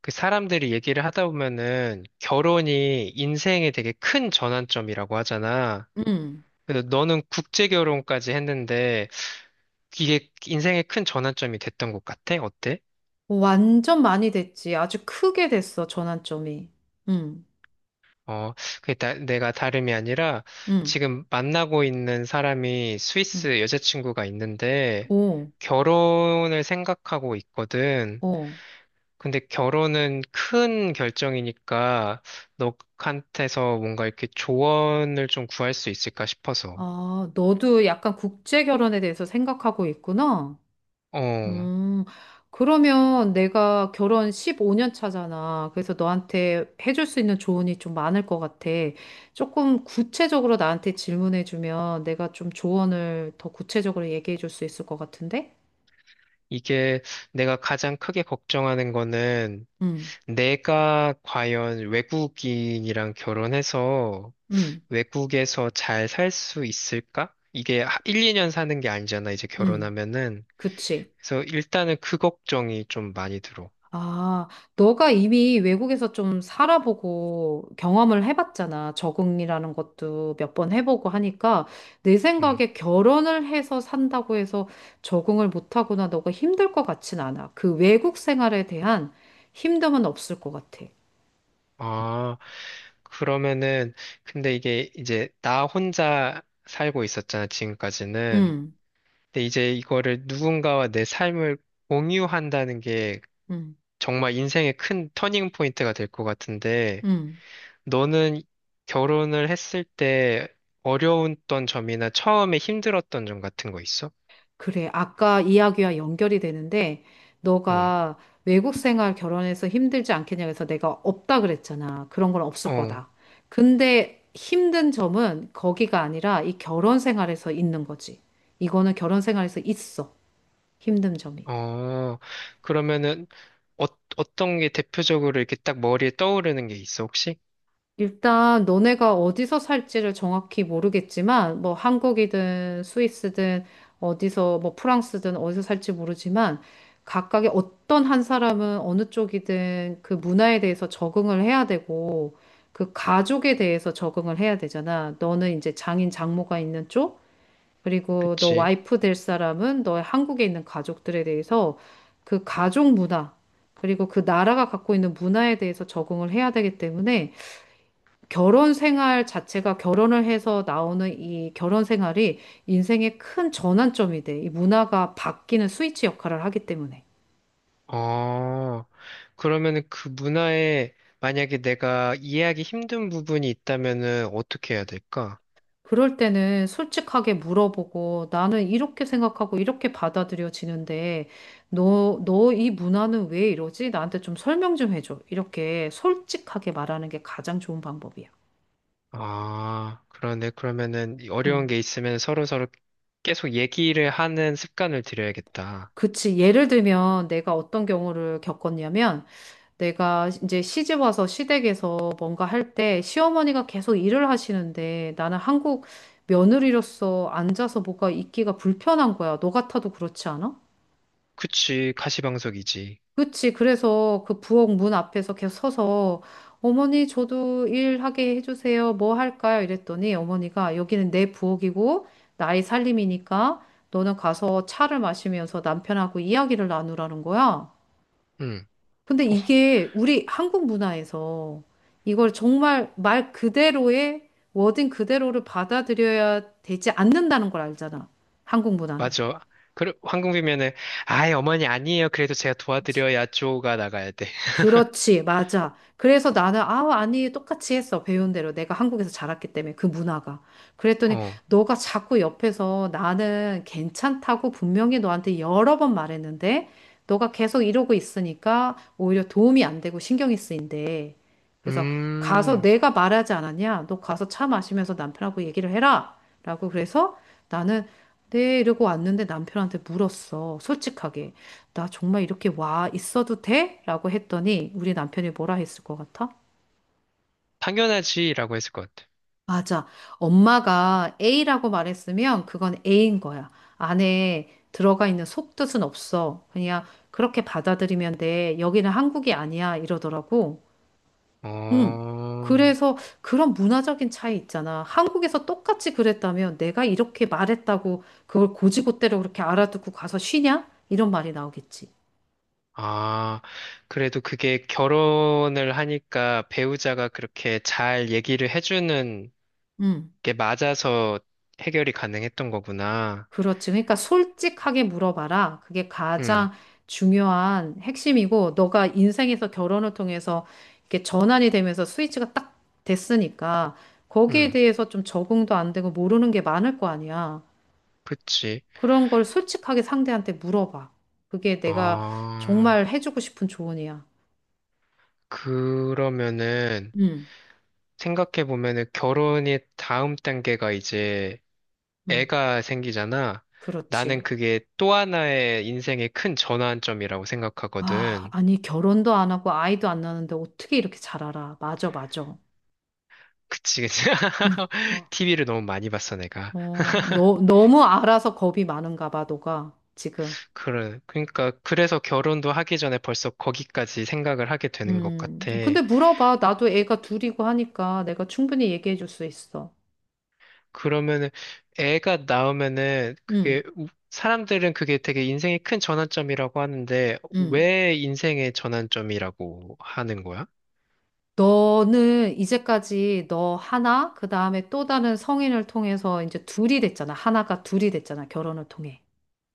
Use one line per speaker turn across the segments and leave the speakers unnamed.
그 사람들이 얘기를 하다 보면은 결혼이 인생에 되게 큰 전환점이라고 하잖아.
음.
그래서 너는 국제 결혼까지 했는데 이게 인생의 큰 전환점이 됐던 것 같아? 어때?
완전 많이 됐지. 아주 크게 됐어, 전환점이. 음.
어, 내가 다름이 아니라
음.
지금 만나고 있는 사람이
음.
스위스 여자친구가 있는데
오.
결혼을 생각하고 있거든.
오.
근데 결혼은 큰 결정이니까 너한테서 뭔가 이렇게 조언을 좀 구할 수 있을까 싶어서.
아, 너도 약간 국제 결혼에 대해서 생각하고 있구나.
어,
음. 그러면 내가 결혼 15년 차잖아. 그래서 너한테 해줄 수 있는 조언이 좀 많을 것 같아. 조금 구체적으로 나한테 질문해주면 내가 좀 조언을 더 구체적으로 얘기해줄 수 있을 것 같은데?
이게 내가 가장 크게 걱정하는 거는
음.
내가 과연 외국인이랑 결혼해서
음.
외국에서 잘 살 수 있을까? 이게 1, 2년 사는 게 아니잖아, 이제
음.
결혼하면은.
그치.
그래서 일단은 그 걱정이 좀 많이 들어.
아, 너가 이미 외국에서 좀 살아보고 경험을 해봤잖아. 적응이라는 것도 몇 번 해보고 하니까 내
응.
생각에 결혼을 해서 산다고 해서 적응을 못하거나 너가 힘들 것 같진 않아. 그 외국 생활에 대한 힘듦은 없을 것 같아.
아, 그러면은. 근데 이게 이제 나 혼자 살고 있었잖아, 지금까지는.
응,
근데 이제 이거를 누군가와 내 삶을 공유한다는 게
응,
정말 인생의 큰 터닝 포인트가 될 것 같은데,
응.
너는 결혼을 했을 때 어려웠던 점이나 처음에 힘들었던 점 같은 거 있어?
그래, 아까 이야기와 연결이 되는데,
어,
너가 외국 생활 결혼해서 힘들지 않겠냐 그래서 내가 없다 그랬잖아. 그런 건 없을
어,
거다. 근데 힘든 점은 거기가 아니라 이 결혼 생활에서 있는 거지. 이거는 결혼 생활에서 있어. 힘든 점이.
어. 그러면은 어, 어떤 게 대표적으로 이렇게 딱 머리에 떠오르는 게 있어, 혹시?
일단 너네가 어디서 살지를 정확히 모르겠지만 뭐 한국이든 스위스든 어디서 뭐 프랑스든 어디서 살지 모르지만 각각의 어떤 한 사람은 어느 쪽이든 그 문화에 대해서 적응을 해야 되고 그 가족에 대해서 적응을 해야 되잖아. 너는 이제 장인 장모가 있는 쪽 그리고 너
그치?
와이프 될 사람은 너의 한국에 있는 가족들에 대해서 그 가족 문화 그리고 그 나라가 갖고 있는 문화에 대해서 적응을 해야 되기 때문에 결혼 생활 자체가 결혼을 해서 나오는 이 결혼 생활이 인생의 큰 전환점이 돼. 이 문화가 바뀌는 스위치 역할을 하기 때문에.
어, 그러면은 그 문화에 만약에 내가 이해하기 힘든 부분이 있다면은 어떻게 해야 될까?
그럴 때는 솔직하게 물어보고 나는 이렇게 생각하고 이렇게 받아들여지는데 너 이 문화는 왜 이러지? 나한테 좀 설명 좀 해줘. 이렇게 솔직하게 말하는 게 가장 좋은 방법이야.
아, 그러네. 그러면은 이 어려운
음.
게 있으면 서로서로 계속 얘기를 하는 습관을 들여야겠다.
그치. 예를 들면 내가 어떤 경우를 겪었냐면 내가 이제 시집 와서 시댁에서 뭔가 할 때 시어머니가 계속 일을 하시는데 나는 한국 며느리로서 앉아서 뭐가 있기가 불편한 거야. 너 같아도 그렇지 않아?
그치, 가시방석이지.
그치. 그래서 그 부엌 문 앞에서 계속 서서 어머니 저도 일하게 해주세요. 뭐 할까요? 이랬더니 어머니가 여기는 내 부엌이고 나의 살림이니까 너는 가서 차를 마시면서 남편하고 이야기를 나누라는 거야.
응,
근데
어,
이게 우리 한국 문화에서 이걸 정말 말 그대로의 워딩 그대로를 받아들여야 되지 않는다는 걸 알잖아. 한국 문화는.
맞아. 그래, 황금비면은, 아이, 어머니 아니에요. 그래도 제가 도와드려야 쪼가 나가야 돼.
그렇지, 맞아. 그래서 나는, 아, 아니, 똑같이 했어. 배운 대로. 내가 한국에서 자랐기 때문에, 그 문화가. 그랬더니,
어,
너가 자꾸 옆에서 나는 괜찮다고 분명히 너한테 여러 번 말했는데, 너가 계속 이러고 있으니까 오히려 도움이 안 되고 신경이 쓰인대. 그래서 가서
음,
내가 말하지 않았냐? 너 가서 차 마시면서 남편하고 얘기를 해라. 라고 그래서 나는, 네, 이러고 왔는데 남편한테 물었어. 솔직하게. 나 정말 이렇게 와 있어도 돼? 라고 했더니 우리 남편이 뭐라 했을 것 같아?
당연하지라고 했을 것 같아.
맞아. 엄마가 A라고 말했으면 그건 A인 거야. 안에 들어가 있는 속뜻은 없어. 그냥 그렇게 받아들이면 돼. 여기는 한국이 아니야. 이러더라고. 응.
어,
그래서 그런 문화적인 차이 있잖아. 한국에서 똑같이 그랬다면 내가 이렇게 말했다고 그걸 고지고대로 그렇게 알아듣고 가서 쉬냐? 이런 말이 나오겠지.
아, 그래도 그게 결혼을 하니까 배우자가 그렇게 잘 얘기를 해주는
응.
이게 맞아서 해결이 가능했던 거구나.
그렇지. 그러니까 솔직하게 물어봐라. 그게
응.
가장 중요한 핵심이고, 너가 인생에서 결혼을 통해서 이렇게 전환이 되면서 스위치가 딱 됐으니까, 거기에
응.
대해서 좀 적응도 안 되고 모르는 게 많을 거 아니야.
그치.
그런 걸 솔직하게 상대한테 물어봐. 그게 내가
아,
정말 해주고 싶은 조언이야.
그러면은
응,
생각해보면은 결혼이 다음 단계가 이제
응,
애가 생기잖아. 나는
그렇지.
그게 또 하나의 인생의 큰 전환점이라고
아,
생각하거든.
아니, 결혼도 안 하고 아이도 안 낳는데 어떻게 이렇게 잘 알아? 맞아, 맞아.
그치, 그치.
응. 어.
TV를 너무 많이 봤어, 내가.
어, 너, 너무 알아서 겁이 많은가 봐, 너가 지금.
그래, 그러니까, 그래서 결혼도 하기 전에 벌써 거기까지 생각을 하게 되는 것 같아.
근데 물어봐. 나도 애가 둘이고 하니까 내가 충분히 얘기해 줄 수 있어.
그러면은 애가 나오면은
음,
그게 사람들은 그게 되게 인생의 큰 전환점이라고 하는데
음.
왜 인생의 전환점이라고 하는 거야?
너는 이제까지 너 하나, 그 다음에 또 다른 성인을 통해서 이제 둘이 됐잖아. 하나가 둘이 됐잖아. 결혼을 통해.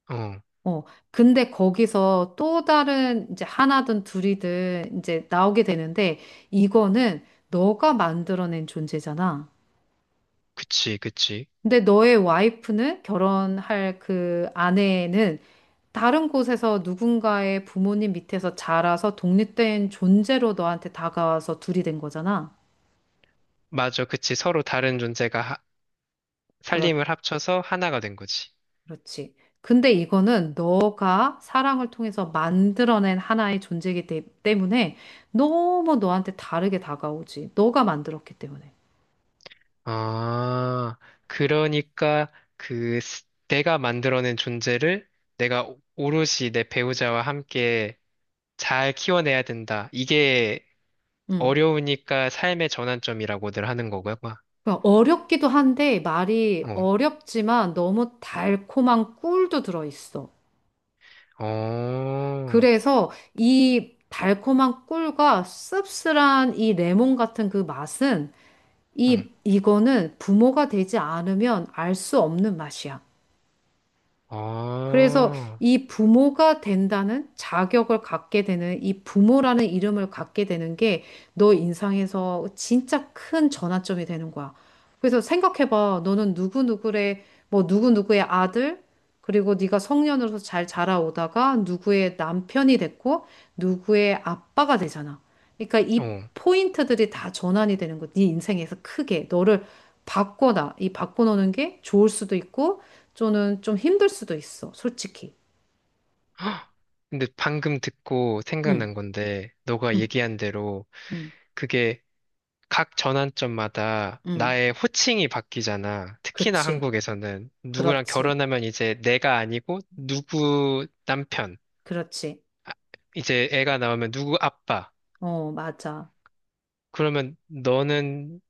어,
어, 근데 거기서 또 다른 이제 하나든 둘이든 이제 나오게 되는데 이거는 너가 만들어낸 존재잖아.
그치, 그치.
근데 너의 와이프는 결혼할 그 아내는 다른 곳에서 누군가의 부모님 밑에서 자라서 독립된 존재로 너한테 다가와서 둘이 된 거잖아.
맞아, 그치. 서로 다른 존재가
그렇,
살림을 합쳐서 하나가 된 거지.
그렇지. 근데 이거는 너가 사랑을 통해서 만들어낸 하나의 존재이기 때문에 너무 너한테 다르게 다가오지. 너가 만들었기 때문에.
아, 그러니까 내가 만들어낸 존재를 내가 오롯이 내 배우자와 함께 잘 키워내야 된다. 이게
음.
어려우니까 삶의 전환점이라고들 하는 거고요.
그러니까 어렵기도 한데 말이
어,
어렵지만 너무 달콤한 꿀도 들어있어.
어,
그래서 이 달콤한 꿀과 씁쓸한 이 레몬 같은 그 맛은
응,
이 이거는 부모가 되지 않으면 알 수 없는 맛이야.
아,
그래서
어.
이 부모가 된다는 자격을 갖게 되는 이 부모라는 이름을 갖게 되는 게 너 인상에서 진짜 큰 전환점이 되는 거야. 그래서 생각해봐. 너는 누구누구의 뭐 누구누구의 아들 그리고 네가 성년으로서 잘 자라오다가 누구의 남편이 됐고 누구의 아빠가 되잖아. 그러니까 이 포인트들이 다 전환이 되는 거. 네 인생에서 크게 너를 바꿔놔. 이 바꿔놓는 게 좋을 수도 있고 저는 좀 힘들 수도 있어, 솔직히.
헉! 근데 방금 듣고
응,
생각난 건데, 너가
응,
얘기한 대로
응,
그게 각 전환점마다
응,
나의 호칭이 바뀌잖아. 특히나
그치,
한국에서는 누구랑
그렇지,
결혼하면 이제 내가 아니고 누구 남편,
그렇지.
이제 애가 나오면 누구 아빠.
어, 맞아,
그러면 너는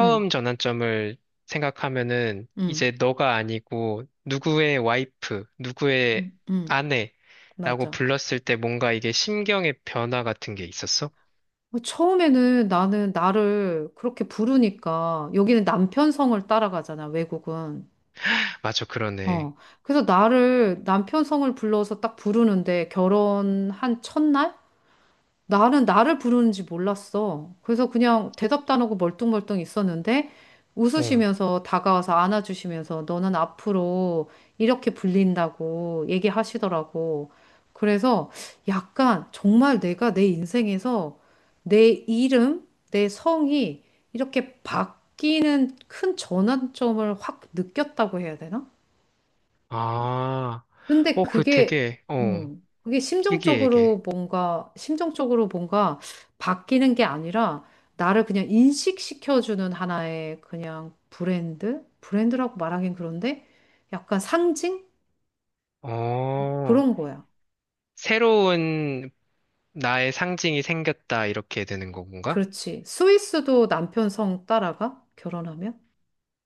응,
전환점을 생각하면은
응,
이제 너가 아니고 누구의 와이프, 누구의
응, 응.
아내라고
맞아.
불렀을 때 뭔가 이게 심경의 변화 같은 게 있었어?
어, 처음에는 나는 나를 그렇게 부르니까, 여기는 남편 성을 따라가잖아, 외국은.
맞아, 그러네.
어, 그래서 나를 남편 성을 불러서 딱 부르는데, 결혼한 첫날? 나는 나를 부르는지 몰랐어. 그래서 그냥 대답도 안 하고 멀뚱멀뚱 있었는데
어.
웃으시면서 다가와서 안아주시면서 너는 앞으로 이렇게 불린다고 얘기하시더라고. 그래서 약간 정말 내가 내 인생에서 내 이름, 내 성이 이렇게 바뀌는 큰 전환점을 확 느꼈다고 해야 되나?
아,
근데
어, 그
그게,
되게, 어,
그게
얘기해, 얘기해.
심정적으로 뭔가, 심정적으로 뭔가 바뀌는 게 아니라 나를 그냥 인식시켜주는 하나의 그냥 브랜드? 브랜드라고 말하긴 그런데 약간 상징?
어,
그런 거야.
새로운 나의 상징이 생겼다, 이렇게 되는 건가?
그렇지. 스위스도 남편 성 따라가? 결혼하면?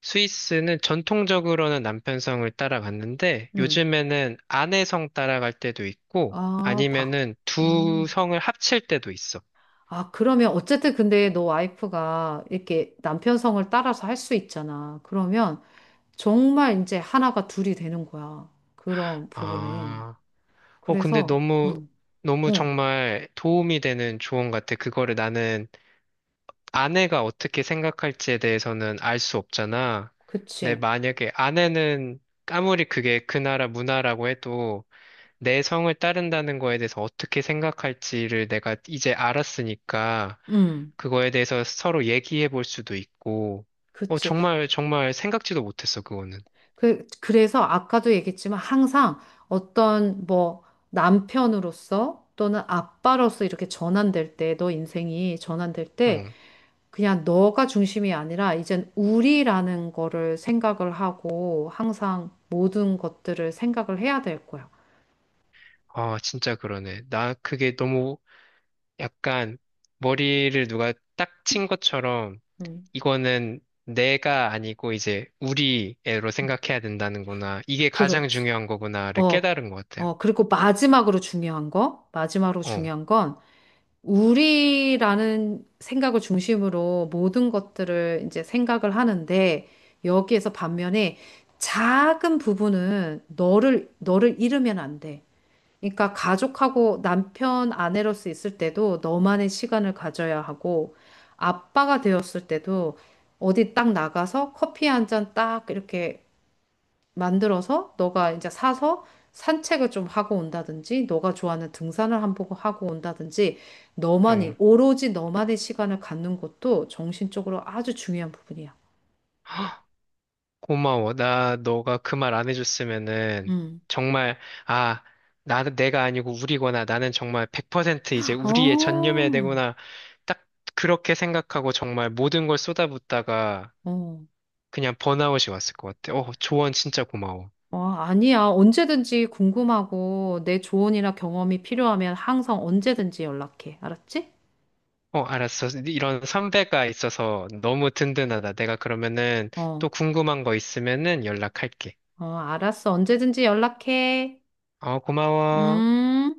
스위스는 전통적으로는 남편성을 따라갔는데
음.
요즘에는 아내성 따라갈 때도 있고
아, 박.
아니면은 두
음.
성을 합칠 때도 있어.
아, 그러면 어쨌든 근데 너 와이프가 이렇게 남편 성을 따라서 할 수 있잖아. 그러면 정말 이제 하나가 둘이 되는 거야. 그런 부분에.
아, 근데
그래서,
너무,
응,
너무
응,
정말 도움이 되는 조언 같아. 그거를 나는 아내가 어떻게 생각할지에 대해서는 알 수 없잖아. 근데
그치,
만약에 아내는 아무리 그게 그 나라 문화라고 해도 내 성을 따른다는 거에 대해서 어떻게 생각할지를 내가 이제 알았으니까
응,
그거에 대해서 서로 얘기해 볼 수도 있고,
그치.
정말, 정말 생각지도 못했어, 그거는.
그래서 아까도 얘기했지만 항상 어떤 뭐 남편으로서 또는 아빠로서 이렇게 전환될 때, 너 인생이 전환될
어,
때, 그냥 너가 중심이 아니라 이젠 우리라는 거를 생각을 하고 항상 모든 것들을 생각을 해야 될 거야.
아, 진짜 그러네. 나 그게 너무 약간 머리를 누가 딱 친 것처럼
응,
이거는 내가 아니고 이제 우리 애로
응.
생각해야 된다는구나. 이게 가장
그렇지.
중요한 거구나를
어,
깨달은 것 같아요.
어, 그리고 마지막으로 중요한 거, 마지막으로
어,
중요한 건, 우리라는 생각을 중심으로 모든 것들을 이제 생각을 하는데, 여기에서 반면에 작은 부분은 너를 잃으면 안 돼. 그러니까 가족하고 남편, 아내로서 있을 때도 너만의 시간을 가져야 하고, 아빠가 되었을 때도 어디 딱 나가서 커피 한 잔 딱 이렇게 만들어서 너가 이제 사서 산책을 좀 하고 온다든지, 너가 좋아하는 등산을 한 번 하고 온다든지,
어.
너만이, 오로지 너만의 시간을 갖는 것도 정신적으로 아주 중요한 부분이야.
고마워. 나 너가 그 말 안 해줬으면은
음.
정말, 아, 나는 내가 아니고 우리구나. 나는 정말 100% 이제 우리에
어,
전념해야 되구나. 딱 그렇게 생각하고 정말 모든 걸 쏟아붓다가
어.
그냥 번아웃이 왔을 것 같아. 어, 조언 진짜 고마워.
어, 아니야. 언제든지 궁금하고 내 조언이나 경험이 필요하면 항상 언제든지 연락해. 알았지?
어, 알았어. 이런 선배가 있어서 너무 든든하다. 내가 그러면은 또
어,
궁금한 거 있으면은 연락할게.
어, 알았어. 언제든지 연락해.
어, 고마워.
음.